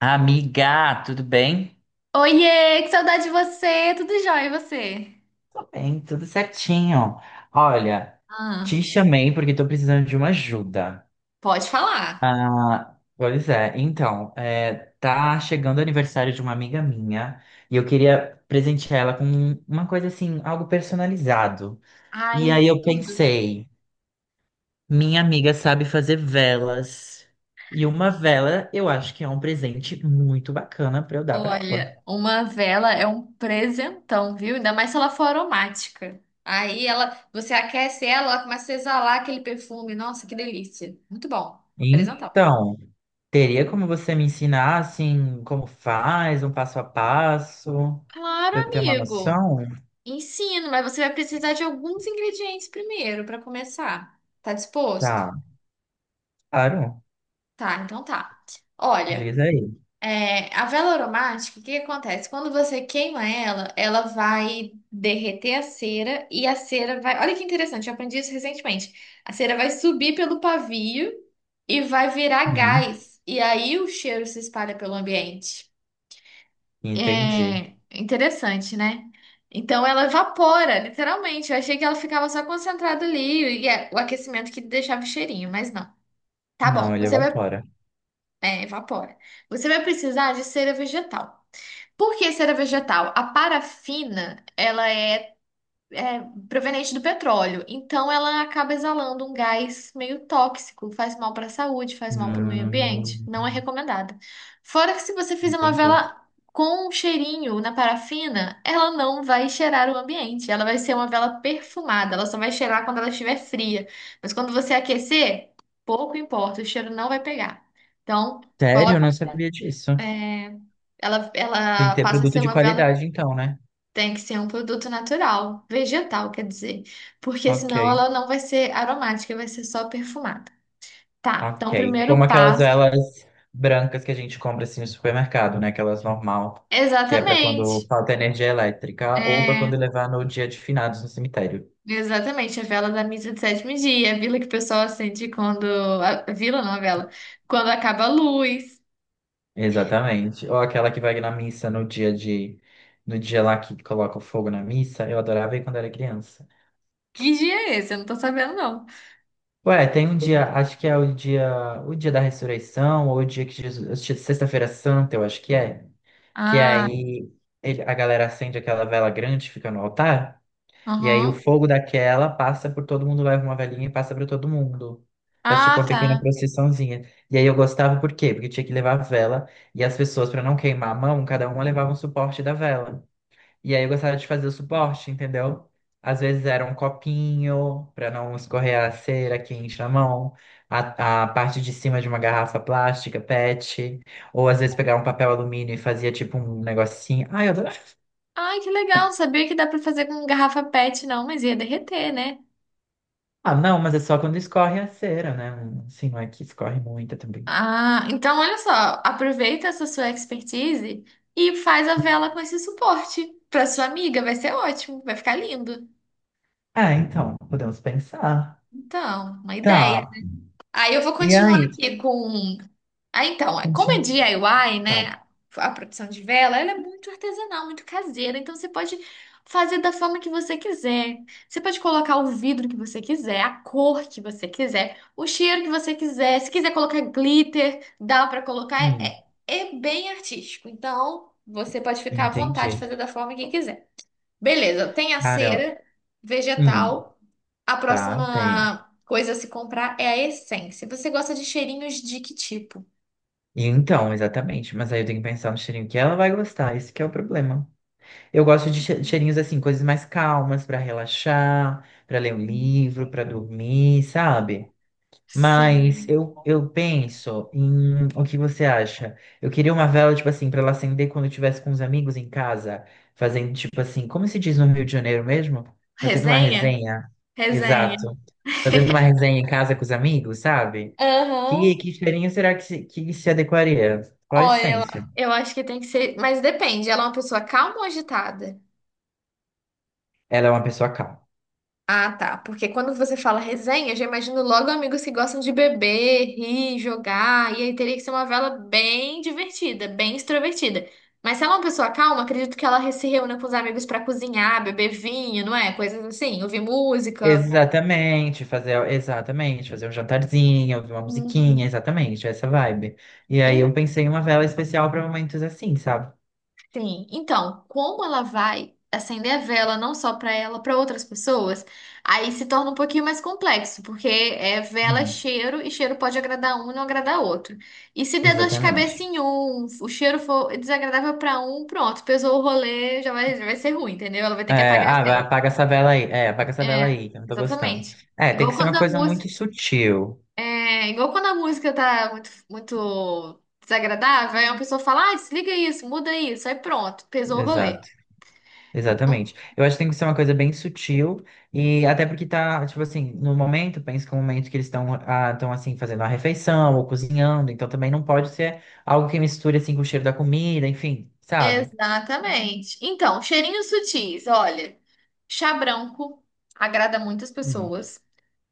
Amiga, tudo bem? Oiê, que saudade de você! Tudo jóia, e você? Tudo bem, tudo certinho. Olha, te Ah, chamei porque tô precisando de uma ajuda. pode falar. Ah, pois é, então, tá chegando o aniversário de uma amiga minha e eu queria presentear ela com uma coisa assim, algo personalizado. E aí Ai, eu pensei, minha amiga sabe fazer velas. E uma vela eu acho que é um presente muito bacana pra eu dar pra ela. olha, uma vela é um presentão, viu? Ainda mais se ela for aromática. Aí ela, você aquece ela, ela começa a exalar aquele perfume. Nossa, que delícia! Muito bom. Presentão. Então. Teria como você me ensinar, assim, como faz, um passo a passo, Claro, pra eu ter uma amigo. noção? Ensino, mas você vai precisar de alguns ingredientes primeiro para começar. Tá disposto? Tá, claro, Tá, então tá. Olha. diz aí. É, a vela aromática, o que que acontece? Quando você queima ela, ela vai derreter a cera e a cera vai. Olha que interessante, eu aprendi isso recentemente. A cera vai subir pelo pavio e vai virar Hum, gás. E aí o cheiro se espalha pelo ambiente. entendi. É interessante, né? Então ela evapora, literalmente. Eu achei que ela ficava só concentrada ali e é o aquecimento que deixava o cheirinho, mas não. Tá Não, bom, ele você vai. evapora. É, evapora. Você vai precisar de cera vegetal. Por que cera vegetal? A parafina, ela é proveniente do petróleo, então ela acaba exalando um gás meio tóxico, faz mal para a saúde, faz mal para o meio ambiente, Hum, não é recomendada. Fora que se você fizer uma entendi. vela com um cheirinho na parafina, ela não vai cheirar o ambiente, ela vai ser uma vela perfumada, ela só vai cheirar quando ela estiver fria. Mas quando você aquecer, pouco importa, o cheiro não vai pegar. Então, Sério, eu coloca. não sabia disso. É, ela, Tem ela que ter passa a produto ser de uma vela, qualidade, então, né? tem que ser um produto natural, vegetal, quer dizer, porque Ok, senão ela não vai ser aromática, vai ser só perfumada. Tá, então o ok. Como primeiro aquelas passo. velas brancas que a gente compra, assim, no supermercado, né? Aquelas normal, que é pra quando Exatamente. falta energia elétrica ou pra É, quando levar no dia de finados no cemitério. exatamente, a vela da missa de sétimo dia, a vela que o pessoal acende quando. A vila não, a vela. Quando acaba a luz. Exatamente. Ou aquela que vai na missa no dia de, no dia lá que coloca o fogo na missa, eu adorava ir quando era criança. Que dia é esse? Eu não tô sabendo, não. Ué, tem um dia, acho que é o dia da ressurreição, ou o dia que Jesus, sexta-feira santa, eu acho que é. Que Ah, aí a galera acende aquela vela grande, fica no altar, e aí o aham. fogo daquela passa por todo mundo, leva uma velhinha e passa para todo mundo. Faz tipo uma Ah, pequena tá. procissãozinha. E aí eu gostava por quê? Porque tinha que levar a vela. E as pessoas, para não queimar a mão, cada uma levava um suporte da vela. E aí eu gostava de fazer o suporte, entendeu? Às vezes era um copinho para não escorrer a cera quente na mão, a parte de cima de uma garrafa plástica, PET, ou às vezes pegava um papel alumínio e fazia tipo um negocinho. Ah, eu adorava. Ai, que legal. Não sabia que dá pra fazer com garrafa PET, não, mas ia derreter, né? Ah, não, mas é só quando escorre a cera, né? Um, assim, não é que escorre muita também. Ah, então olha só, aproveita essa sua expertise e faz a vela com esse suporte para sua amiga, vai ser ótimo, vai ficar lindo. Ah, então, podemos pensar. Então, uma ideia. Tá. Aí eu vou E continuar aí? aqui com. Ah, então, é, como é Continua. DIY, Tá. né? A produção de vela, ela é muito artesanal, muito caseira. Então você pode fazer da forma que você quiser. Você pode colocar o vidro que você quiser, a cor que você quiser, o cheiro que você quiser. Se quiser colocar glitter, dá pra colocar. Hum, É, é bem artístico. Então você pode ficar à vontade de fazer entendi. da forma que quiser. Beleza, tem a Cara, cera hum, vegetal. A tá, tem. próxima coisa a se comprar é a essência. Você gosta de cheirinhos de que tipo? E então, exatamente. Mas aí eu tenho que pensar no cheirinho que ela vai gostar. Esse que é o problema. Eu gosto de cheirinhos assim, coisas mais calmas pra relaxar, pra ler um livro, pra dormir, sabe? Mas Sim. eu, penso em o que você acha? Eu queria uma vela, tipo assim, pra ela acender quando eu estivesse com os amigos em casa, fazendo, tipo assim, como se diz no Rio de Janeiro mesmo? Fazendo uma Resenha? resenha. Resenha. Exato. Fazendo uma resenha em casa com os amigos, sabe? Aham. Que cheirinho será que se adequaria? Qual a Olha, lá. essência? Eu acho que tem que ser. Mas depende, ela é uma pessoa calma ou agitada? Ela é uma pessoa calma. Ah, tá. Porque quando você fala resenha, eu já imagino logo amigos que gostam de beber, rir, jogar. E aí teria que ser uma vela bem divertida, bem extrovertida. Mas se ela é uma pessoa calma, acredito que ela se reúna com os amigos pra cozinhar, beber vinho, não é? Coisas assim, ouvir música. Exatamente, fazer um jantarzinho, ouvir uma musiquinha, Uhum. exatamente, essa vibe. E aí En- eu pensei em uma vela especial para momentos assim, sabe? Sim. Então, como ela vai acender a vela não só para ela, para outras pessoas, aí se torna um pouquinho mais complexo, porque é vela, é Hum, cheiro, e cheiro pode agradar um e não agradar outro. E se der dor de cabeça exatamente. em um, o cheiro for desagradável para um, pronto, pesou o rolê, já vai ser ruim, entendeu? Ela vai ter que É, apagar a ah, vai, vela. apaga essa vela aí. É, apaga essa vela É, aí, que eu não tô gostando. exatamente. É, tem Igual que ser quando uma a coisa música. muito sutil. É igual quando a música tá muito, muito desagradável, aí uma pessoa fala, ah, desliga isso, muda isso, aí pronto, pesou o rolê. Então, Exatamente. Eu acho que tem que ser uma coisa bem sutil e até porque tá, tipo assim, no momento, penso que é o momento que eles estão estão assim fazendo a refeição ou cozinhando, então também não pode ser algo que misture assim com o cheiro da comida, enfim, sabe? exatamente. Então, cheirinhos sutis, olha, chá branco agrada muitas Hum, pessoas,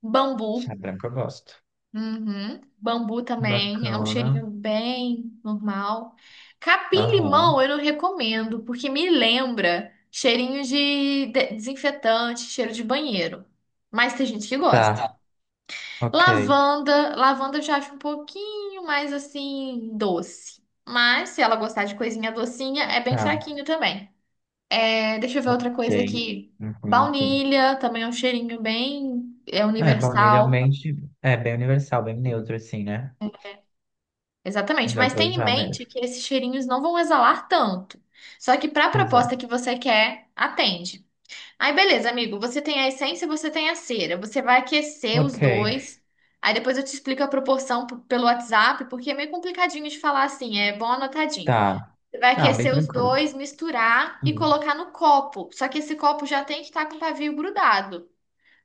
bambu, chá branco eu gosto. uhum, bambu também é um Bacana. cheirinho bem normal. Aham. Capim-limão eu não recomendo, porque me lembra cheirinho de desinfetante, cheiro de banheiro. Mas tem gente que gosta. Tá. Ok. Lavanda, lavanda eu já acho um pouquinho mais assim doce. Mas se ela gostar de coisinha docinha, é bem Tá. fraquinho também. É, deixa eu ver outra Ok. coisa aqui. Uhum, sim. Baunilha também é um cheirinho bem É, baunilha universal. realmente é bem universal, bem neutro assim, né? Exatamente, Dá mas pra tenha em usar mente mesmo. que esses cheirinhos não vão exalar tanto. Só que para a proposta Exato. que você quer, atende. Aí, beleza, amigo. Você tem a essência, você tem a cera. Você vai aquecer os Ok. dois. Aí depois eu te explico a proporção pelo WhatsApp, porque é meio complicadinho de falar assim, é bom anotadinho. Tá. Você vai Não, bem aquecer os tranquilo. dois, misturar e Hum. colocar no copo. Só que esse copo já tem que estar com o pavio grudado.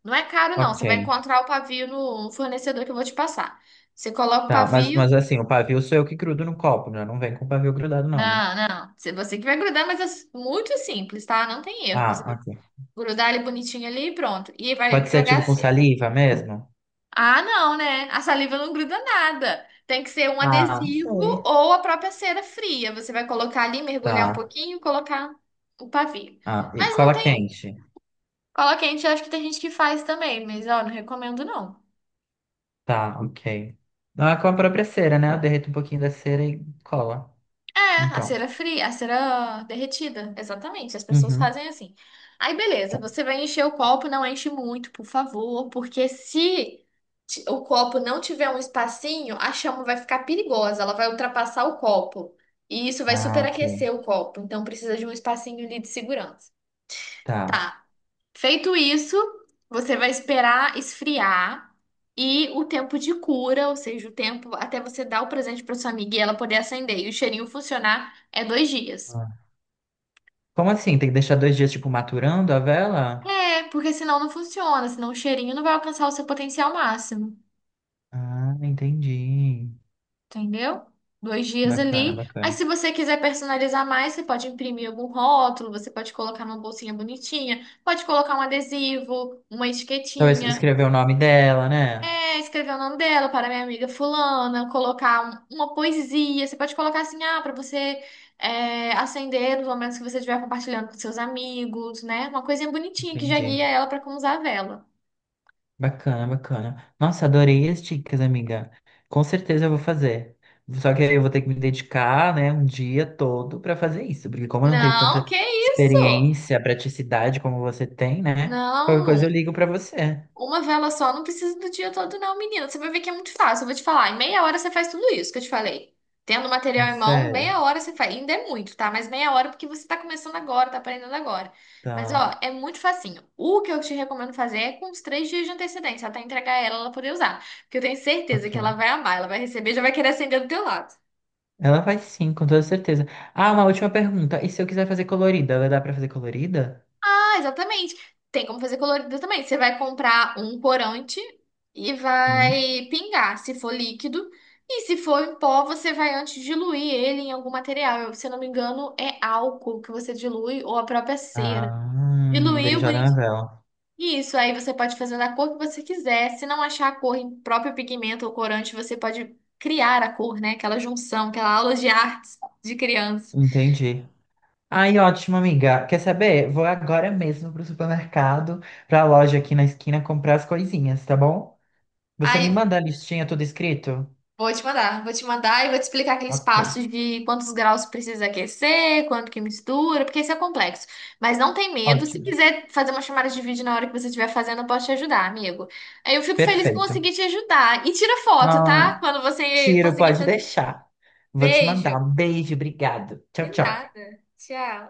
Não é caro, não. Ok, Você vai encontrar o pavio no fornecedor que eu vou te passar. Você coloca o tá. Mas, pavio. mas assim, o pavio sou eu que grudo no copo, né? Não vem com o pavio grudado, não, né? Não, não. Você que vai grudar, mas é muito simples, tá? Não tem erro. Você Ah, vai ok. grudar ele bonitinho ali e pronto. E vai Pode ser jogar a tipo com cera. saliva mesmo? Ah, não, né? A saliva não gruda nada. Tem que ser um Ah, adesivo sim. ou a própria cera fria. Você vai colocar ali, Tá. mergulhar um pouquinho, colocar o pavio. Ah, e Mas não cola tem quente. cola quente, eu acho que tem gente que faz também, mas ó, não recomendo não. Tá, ok. Ah, com a própria cera, né? Eu derreto um pouquinho da cera e cola. É, a Então. cera fria, a cera derretida, exatamente. As pessoas Uhum. fazem assim. Aí, beleza, Tá. você vai encher o copo, não enche muito, por favor, porque se o copo não tiver um espacinho, a chama vai ficar perigosa, ela vai ultrapassar o copo. E isso vai Ah, ok. superaquecer o copo, então precisa de um espacinho ali de segurança. Tá. Tá. Feito isso, você vai esperar esfriar e o tempo de cura, ou seja, o tempo até você dar o presente para sua amiga e ela poder acender e o cheirinho funcionar, é dois dias. Ah. Como assim? Tem que deixar 2 dias, tipo, maturando a vela? É, porque senão não funciona, senão o cheirinho não vai alcançar o seu potencial máximo, Ah, entendi. entendeu? Dois dias Bacana, ali. Aí, bacana. se você quiser personalizar mais, você pode imprimir algum rótulo, você pode colocar numa bolsinha bonitinha, pode colocar um adesivo, uma Talvez etiquetinha. escrever o nome dela, né? É, escrever o nome dela para minha amiga fulana, colocar uma poesia. Você pode colocar assim, ah, para você acender nos momentos que você estiver compartilhando com seus amigos, né? Uma coisinha bonitinha que já Entendi. guia ela para como usar a vela. Bacana, bacana. Nossa, adorei as dicas, amiga. Com certeza eu vou fazer. Só que aí eu vou ter que me dedicar, né, um dia todo para fazer isso, porque como eu não tenho Não, tanta que isso? experiência, praticidade como você tem, né? Qualquer coisa eu Não. ligo para você. Uma vela só não precisa do dia todo, não, menina. Você vai ver que é muito fácil. Eu vou te falar. Em meia hora você faz tudo isso que eu te falei. Tendo É material em mão, sério? meia hora você faz. Ainda é muito, tá? Mas meia hora porque você tá começando agora, tá aprendendo agora. Mas, ó, Tá. é muito facinho. O que eu te recomendo fazer é com uns três dias de antecedência, até entregar ela, ela poder usar. Porque eu tenho certeza que ela Ok. vai amar, ela vai receber, e já vai querer acender do teu lado. Ela vai sim, com toda certeza. Ah, uma última pergunta. E se eu quiser fazer colorida, ela dá para fazer colorida? Ah, exatamente. Tem como fazer colorido também. Você vai comprar um corante e Hum? vai pingar, se for líquido. E se for em pó, você vai antes diluir ele em algum material. Eu, se eu não me engano, é álcool que você dilui ou a própria cera. Ah, e daí Diluiu, joga na bonito. vela. Isso, aí você pode fazer da cor que você quiser. Se não achar a cor em próprio pigmento ou corante, você pode criar a cor, né? Aquela junção, aquela aula de artes de criança. Entendi. Ai, ótimo, amiga. Quer saber? Vou agora mesmo pro supermercado, pra loja aqui na esquina, comprar as coisinhas, tá bom? Você me Aí manda a listinha tudo escrito? vou te mandar, vou te mandar e vou te explicar aqueles Ok, passos de quantos graus precisa aquecer, quanto que mistura, porque isso é complexo. Mas não tem medo, se ótimo. quiser fazer uma chamada de vídeo na hora que você estiver fazendo, eu posso te ajudar, amigo. Eu fico feliz que Perfeito. consegui te ajudar. E tira foto, Ai, tá? Quando você tiro, conseguir pode fazer. deixar. Vou te Beijo. mandar. Um beijo, obrigado. De Tchau, tchau. nada. Tchau.